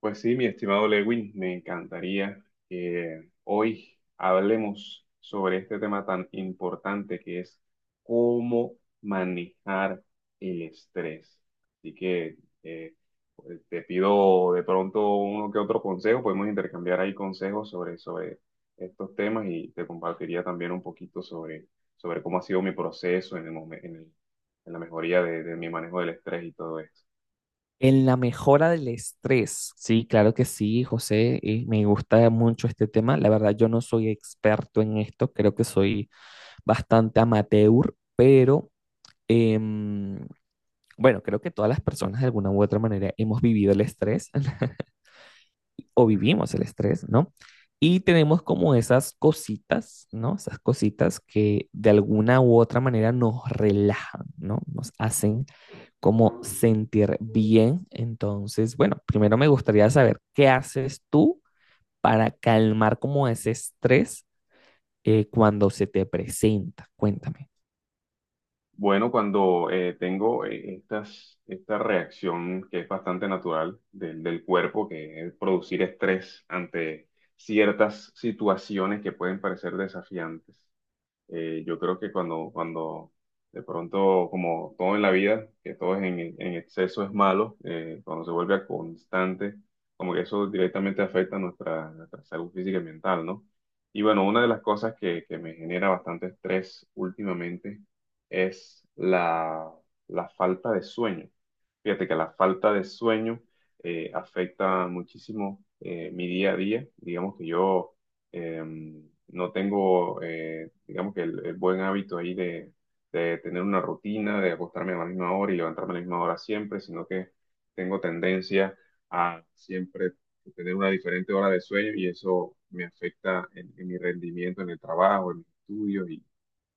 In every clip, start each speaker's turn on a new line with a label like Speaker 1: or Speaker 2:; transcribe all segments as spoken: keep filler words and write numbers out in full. Speaker 1: Pues sí, mi estimado Lewin, me encantaría que hoy hablemos sobre este tema tan importante que es cómo manejar el estrés. Así que eh, pues, te pido de pronto uno que otro consejo, podemos intercambiar ahí consejos sobre, sobre estos temas y te compartiría también un poquito sobre, sobre cómo ha sido mi proceso en el momen- en el- en la mejoría de, de mi manejo del estrés y todo esto.
Speaker 2: En la mejora del estrés, sí, claro que sí, José, y me gusta mucho este tema. La verdad, yo no soy experto en esto, creo que soy bastante amateur, pero em, bueno, creo que todas las personas de alguna u otra manera hemos vivido el estrés o vivimos el estrés, ¿no? Y tenemos como esas cositas, ¿no? Esas cositas que de alguna u otra manera nos relajan, ¿no? Nos hacen como sentir bien. Entonces, bueno, primero me gustaría saber qué haces tú para calmar como ese estrés eh, cuando se te presenta. Cuéntame.
Speaker 1: Bueno, cuando eh, tengo eh, estas, esta reacción que es bastante natural del, del cuerpo, que es producir estrés ante ciertas situaciones que pueden parecer desafiantes, eh, yo creo que cuando, cuando de pronto, como todo en la vida, que todo es en, en exceso es malo, eh, cuando se vuelve a constante, como que eso directamente afecta nuestra, nuestra salud física y mental, ¿no? Y bueno, una de las cosas que, que me genera bastante estrés últimamente es la, la falta de sueño. Fíjate que la falta de sueño eh, afecta muchísimo eh, mi día a día. Digamos que yo eh, no tengo, eh, digamos que el, el buen hábito ahí de, de tener una rutina, de acostarme a la misma hora y levantarme a la misma hora siempre, sino que tengo tendencia a siempre tener una diferente hora de sueño y eso me afecta en, en mi rendimiento en el trabajo, en mis estudios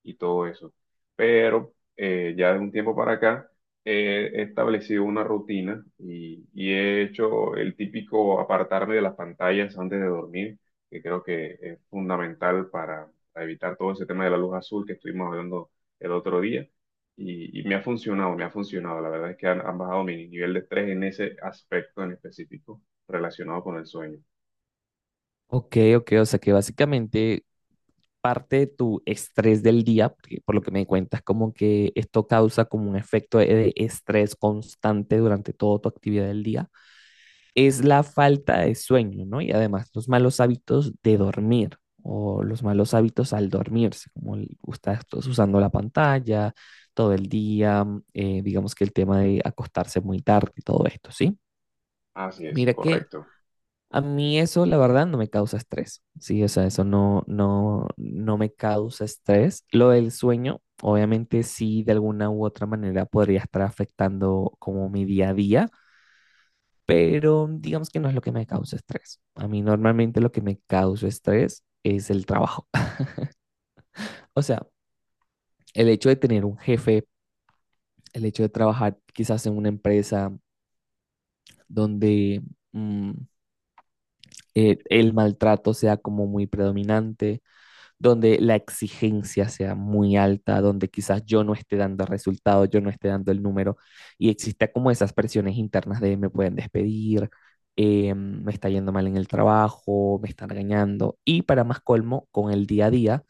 Speaker 1: y todo eso. Pero eh, ya de un tiempo para acá eh, he establecido una rutina y, y he hecho el típico apartarme de las pantallas antes de dormir, que creo que es fundamental para, para evitar todo ese tema de la luz azul que estuvimos hablando el otro día. Y, y me ha funcionado, me ha funcionado. La verdad es que han, han bajado mi nivel de estrés en ese aspecto en específico relacionado con el sueño.
Speaker 2: Ok, ok, o sea que básicamente parte de tu estrés del día, porque por lo que me cuentas, como que esto causa como un efecto de de estrés constante durante toda tu actividad del día es la falta de sueño, ¿no? Y además los malos hábitos de dormir o los malos hábitos al dormirse, como el- estás usando la pantalla todo el día, mm, eh, digamos que el tema de acostarse muy tarde y todo esto, ¿sí?
Speaker 1: Así es,
Speaker 2: Mira que
Speaker 1: correcto.
Speaker 2: a mí eso, la verdad, no me causa estrés, ¿sí? O sea, eso no, no, no me causa estrés. Lo del sueño, obviamente sí, de alguna u otra manera podría estar afectando como mi día a día, pero digamos que no es lo que me causa estrés. A mí normalmente lo que me causa estrés es el trabajo. O sea, el hecho de tener un jefe, el hecho de trabajar quizás en una empresa donde mm, eh, el maltrato sea como muy predominante donde la exigencia sea muy alta, donde quizás yo no esté dando resultados, yo no esté dando el número y exista como esas presiones internas de me pueden despedir, eh, me está yendo mal en el trabajo, me están regañando y para más colmo, con el día a día,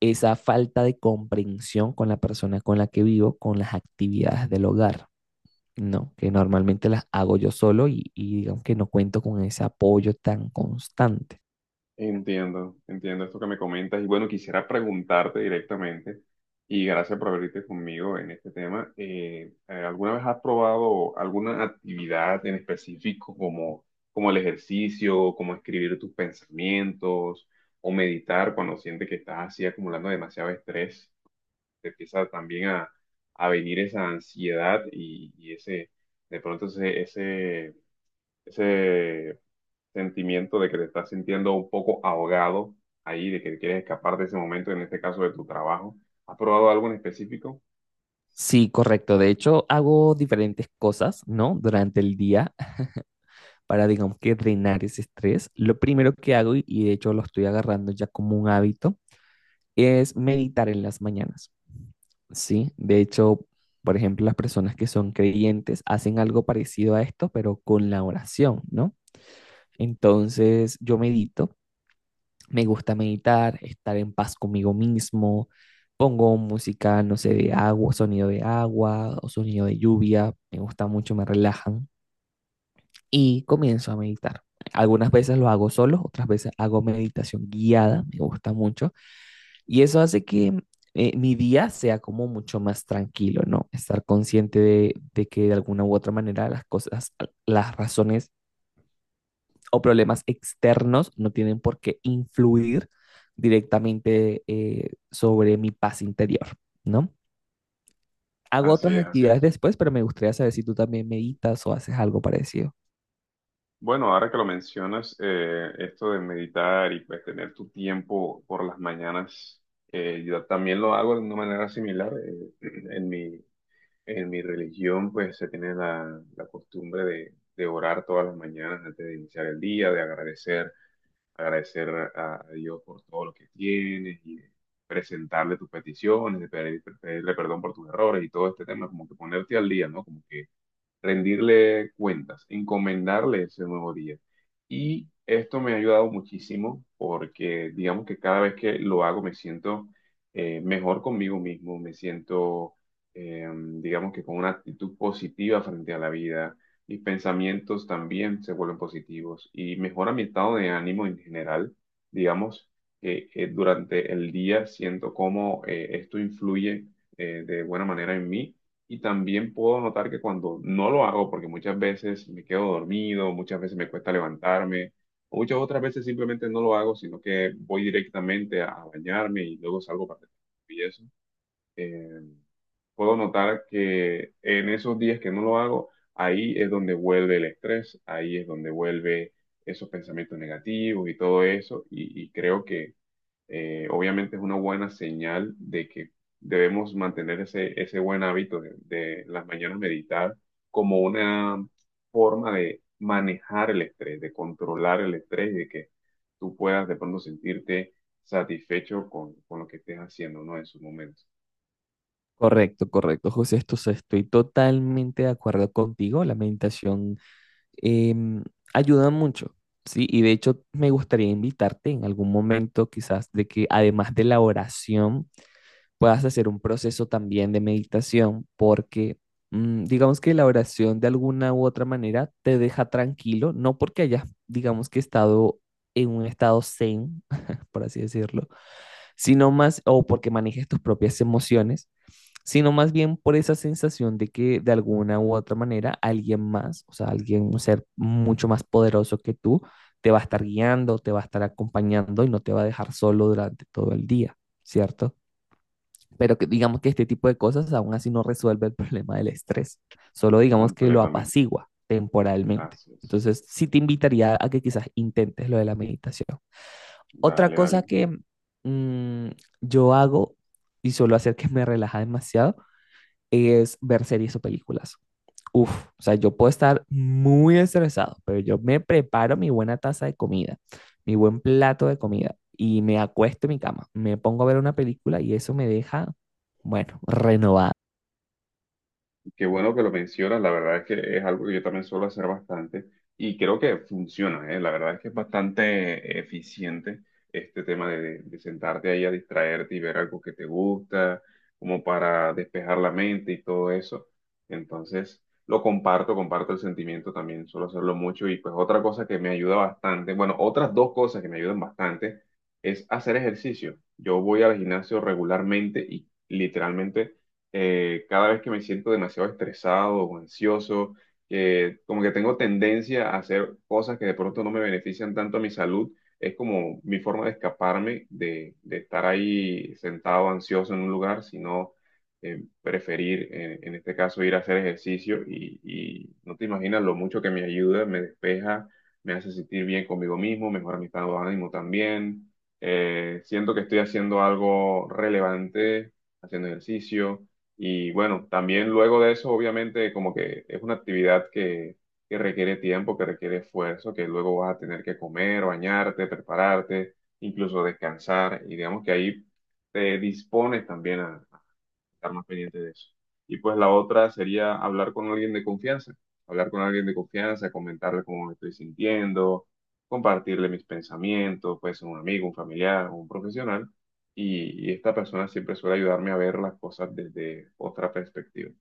Speaker 2: esa falta de comprensión con la persona con la que vivo, con las actividades del hogar. No, que normalmente las hago yo solo y, y digamos que no cuento con ese apoyo tan constante.
Speaker 1: Entiendo, entiendo esto que me comentas y bueno, quisiera preguntarte directamente y gracias por abrirte conmigo en este tema. Eh, eh, ¿alguna vez has probado alguna actividad en específico como, como el ejercicio, como escribir tus pensamientos o meditar cuando sientes que estás así acumulando demasiado estrés? Te empieza también a, a venir esa ansiedad y, y ese, de pronto ese, ese, ese sentimiento de que te estás sintiendo un poco ahogado ahí, de que quieres escapar de ese momento, en este caso de tu trabajo. ¿Has probado algo en específico?
Speaker 2: Sí, correcto. De hecho, hago diferentes cosas, ¿no? Durante el día para, digamos que, drenar ese estrés. Lo primero que hago, y y de hecho lo estoy agarrando ya como un hábito, es meditar en las mañanas, ¿sí? De hecho, por ejemplo, las personas que son creyentes hacen algo parecido a esto, pero con la oración, ¿no? Entonces, yo medito. Me gusta meditar, estar en paz conmigo mismo. Pongo música, no sé, de agua, sonido de agua o sonido de lluvia. Me gusta mucho, me relajan y comienzo a meditar. Algunas veces lo hago solo, otras veces hago meditación guiada, me gusta mucho. Y eso hace que eh, mi día sea como mucho más tranquilo, ¿no? Estar consciente de, de que de alguna u otra manera las cosas, las razones o problemas externos no tienen por qué influir directamente eh, sobre mi paz interior, ¿no? Hago
Speaker 1: Así
Speaker 2: otras
Speaker 1: es, así
Speaker 2: actividades
Speaker 1: es.
Speaker 2: después, pero me gustaría saber si tú también meditas o haces algo parecido.
Speaker 1: Bueno, ahora que lo mencionas, eh, esto de meditar y pues tener tu tiempo por las mañanas, eh, yo también lo hago de una manera similar. eh, en mi, en mi religión pues se tiene la, la costumbre de, de orar todas las mañanas antes de iniciar el día, de agradecer agradecer a Dios por todo lo que tienes y de presentarle tus peticiones, de pedir- pedirle perdón por tus errores y todo este tema, como que ponerte al día, ¿no? Como que rendirle cuentas, encomendarle ese nuevo día. Y esto me ha ayudado muchísimo porque digamos que cada vez que lo hago me siento eh, mejor conmigo mismo, me siento eh, digamos que con una actitud positiva frente a la vida, mis pensamientos también se vuelven positivos y mejora mi estado de ánimo en general, digamos. Que eh, durante el día siento cómo eh, esto influye eh, de buena manera en mí y también puedo notar que cuando no lo hago, porque muchas veces me quedo dormido, muchas veces me cuesta levantarme, o muchas otras veces simplemente no lo hago, sino que voy directamente a bañarme y luego salgo para y eso. eh, Puedo notar que en esos días que no lo hago, ahí es donde vuelve el estrés, ahí es donde vuelve esos pensamientos negativos y todo eso, y, y creo que eh, obviamente es una buena señal de que debemos mantener ese, ese buen hábito de, de las mañanas meditar como una forma de manejar el estrés, de controlar el estrés y de que tú puedas de pronto sentirte satisfecho con, con lo que estés haciendo, ¿no? En su momento.
Speaker 2: Correcto, correcto, José, esto se- estoy totalmente de acuerdo contigo. La meditación em, ayuda mucho, ¿sí? Y de hecho me gustaría invitarte en algún momento quizás de que además de la oración, puedas hacer un proceso también de meditación, porque mm, digamos que la oración de alguna u otra manera te deja tranquilo, no porque hayas, digamos que estado en un estado zen, por así decirlo, sino más, o porque manejes tus propias emociones, sino más bien por esa sensación de que de alguna u otra manera alguien más, o sea, alguien, un ser mucho más poderoso que tú, te va a estar guiando, te va a estar acompañando y no te va a dejar solo durante todo el día, ¿cierto? Pero que, digamos que este tipo de cosas aún así no resuelve el problema del estrés, solo digamos que lo
Speaker 1: Completamente.
Speaker 2: apacigua temporalmente.
Speaker 1: Así es.
Speaker 2: Entonces, sí te invitaría a que quizás intentes lo de la meditación. Otra
Speaker 1: Dale, dale.
Speaker 2: cosa que mm, yo hago y suelo hacer que me relaja demasiado es ver series o películas. Uf, o sea, yo puedo estar muy estresado, pero yo me preparo mi buena taza de comida, mi buen plato de comida y me acuesto en mi cama, me pongo a ver una película y eso me deja, bueno, renovado.
Speaker 1: Qué bueno que lo mencionas, la verdad es que es algo que yo también suelo hacer bastante y creo que funciona, ¿eh? La verdad es que es bastante eficiente este tema de, de sentarte ahí a distraerte y ver algo que te gusta, como para despejar la mente y todo eso. Entonces, lo comparto, comparto el sentimiento también, suelo hacerlo mucho y pues otra cosa que me ayuda bastante, bueno, otras dos cosas que me ayudan bastante es hacer ejercicio. Yo voy al gimnasio regularmente y literalmente eh, cada vez que me siento demasiado estresado o ansioso, que como que tengo tendencia a hacer cosas que de pronto no me benefician tanto a mi salud, es como mi forma de escaparme de, de estar ahí sentado ansioso en un lugar, sino eh, preferir, eh, en este caso, ir a hacer ejercicio y, y no te imaginas lo mucho que me ayuda, me despeja, me hace sentir bien conmigo mismo, mejora mi estado de ánimo también. Eh, siento que estoy haciendo algo relevante, haciendo ejercicio, y bueno, también luego de eso, obviamente, como que es una actividad que, que requiere tiempo, que requiere esfuerzo, que luego vas a tener que comer, bañarte, prepararte, incluso descansar. Y digamos que ahí te dispones también a, estar más pendiente de eso. Y pues la otra sería hablar con alguien de confianza, hablar con alguien de confianza, comentarle cómo me estoy sintiendo, compartirle mis pensamientos, puede ser un amigo, un familiar, un profesional, y, y esta persona siempre suele ayudarme a ver las cosas desde otra perspectiva.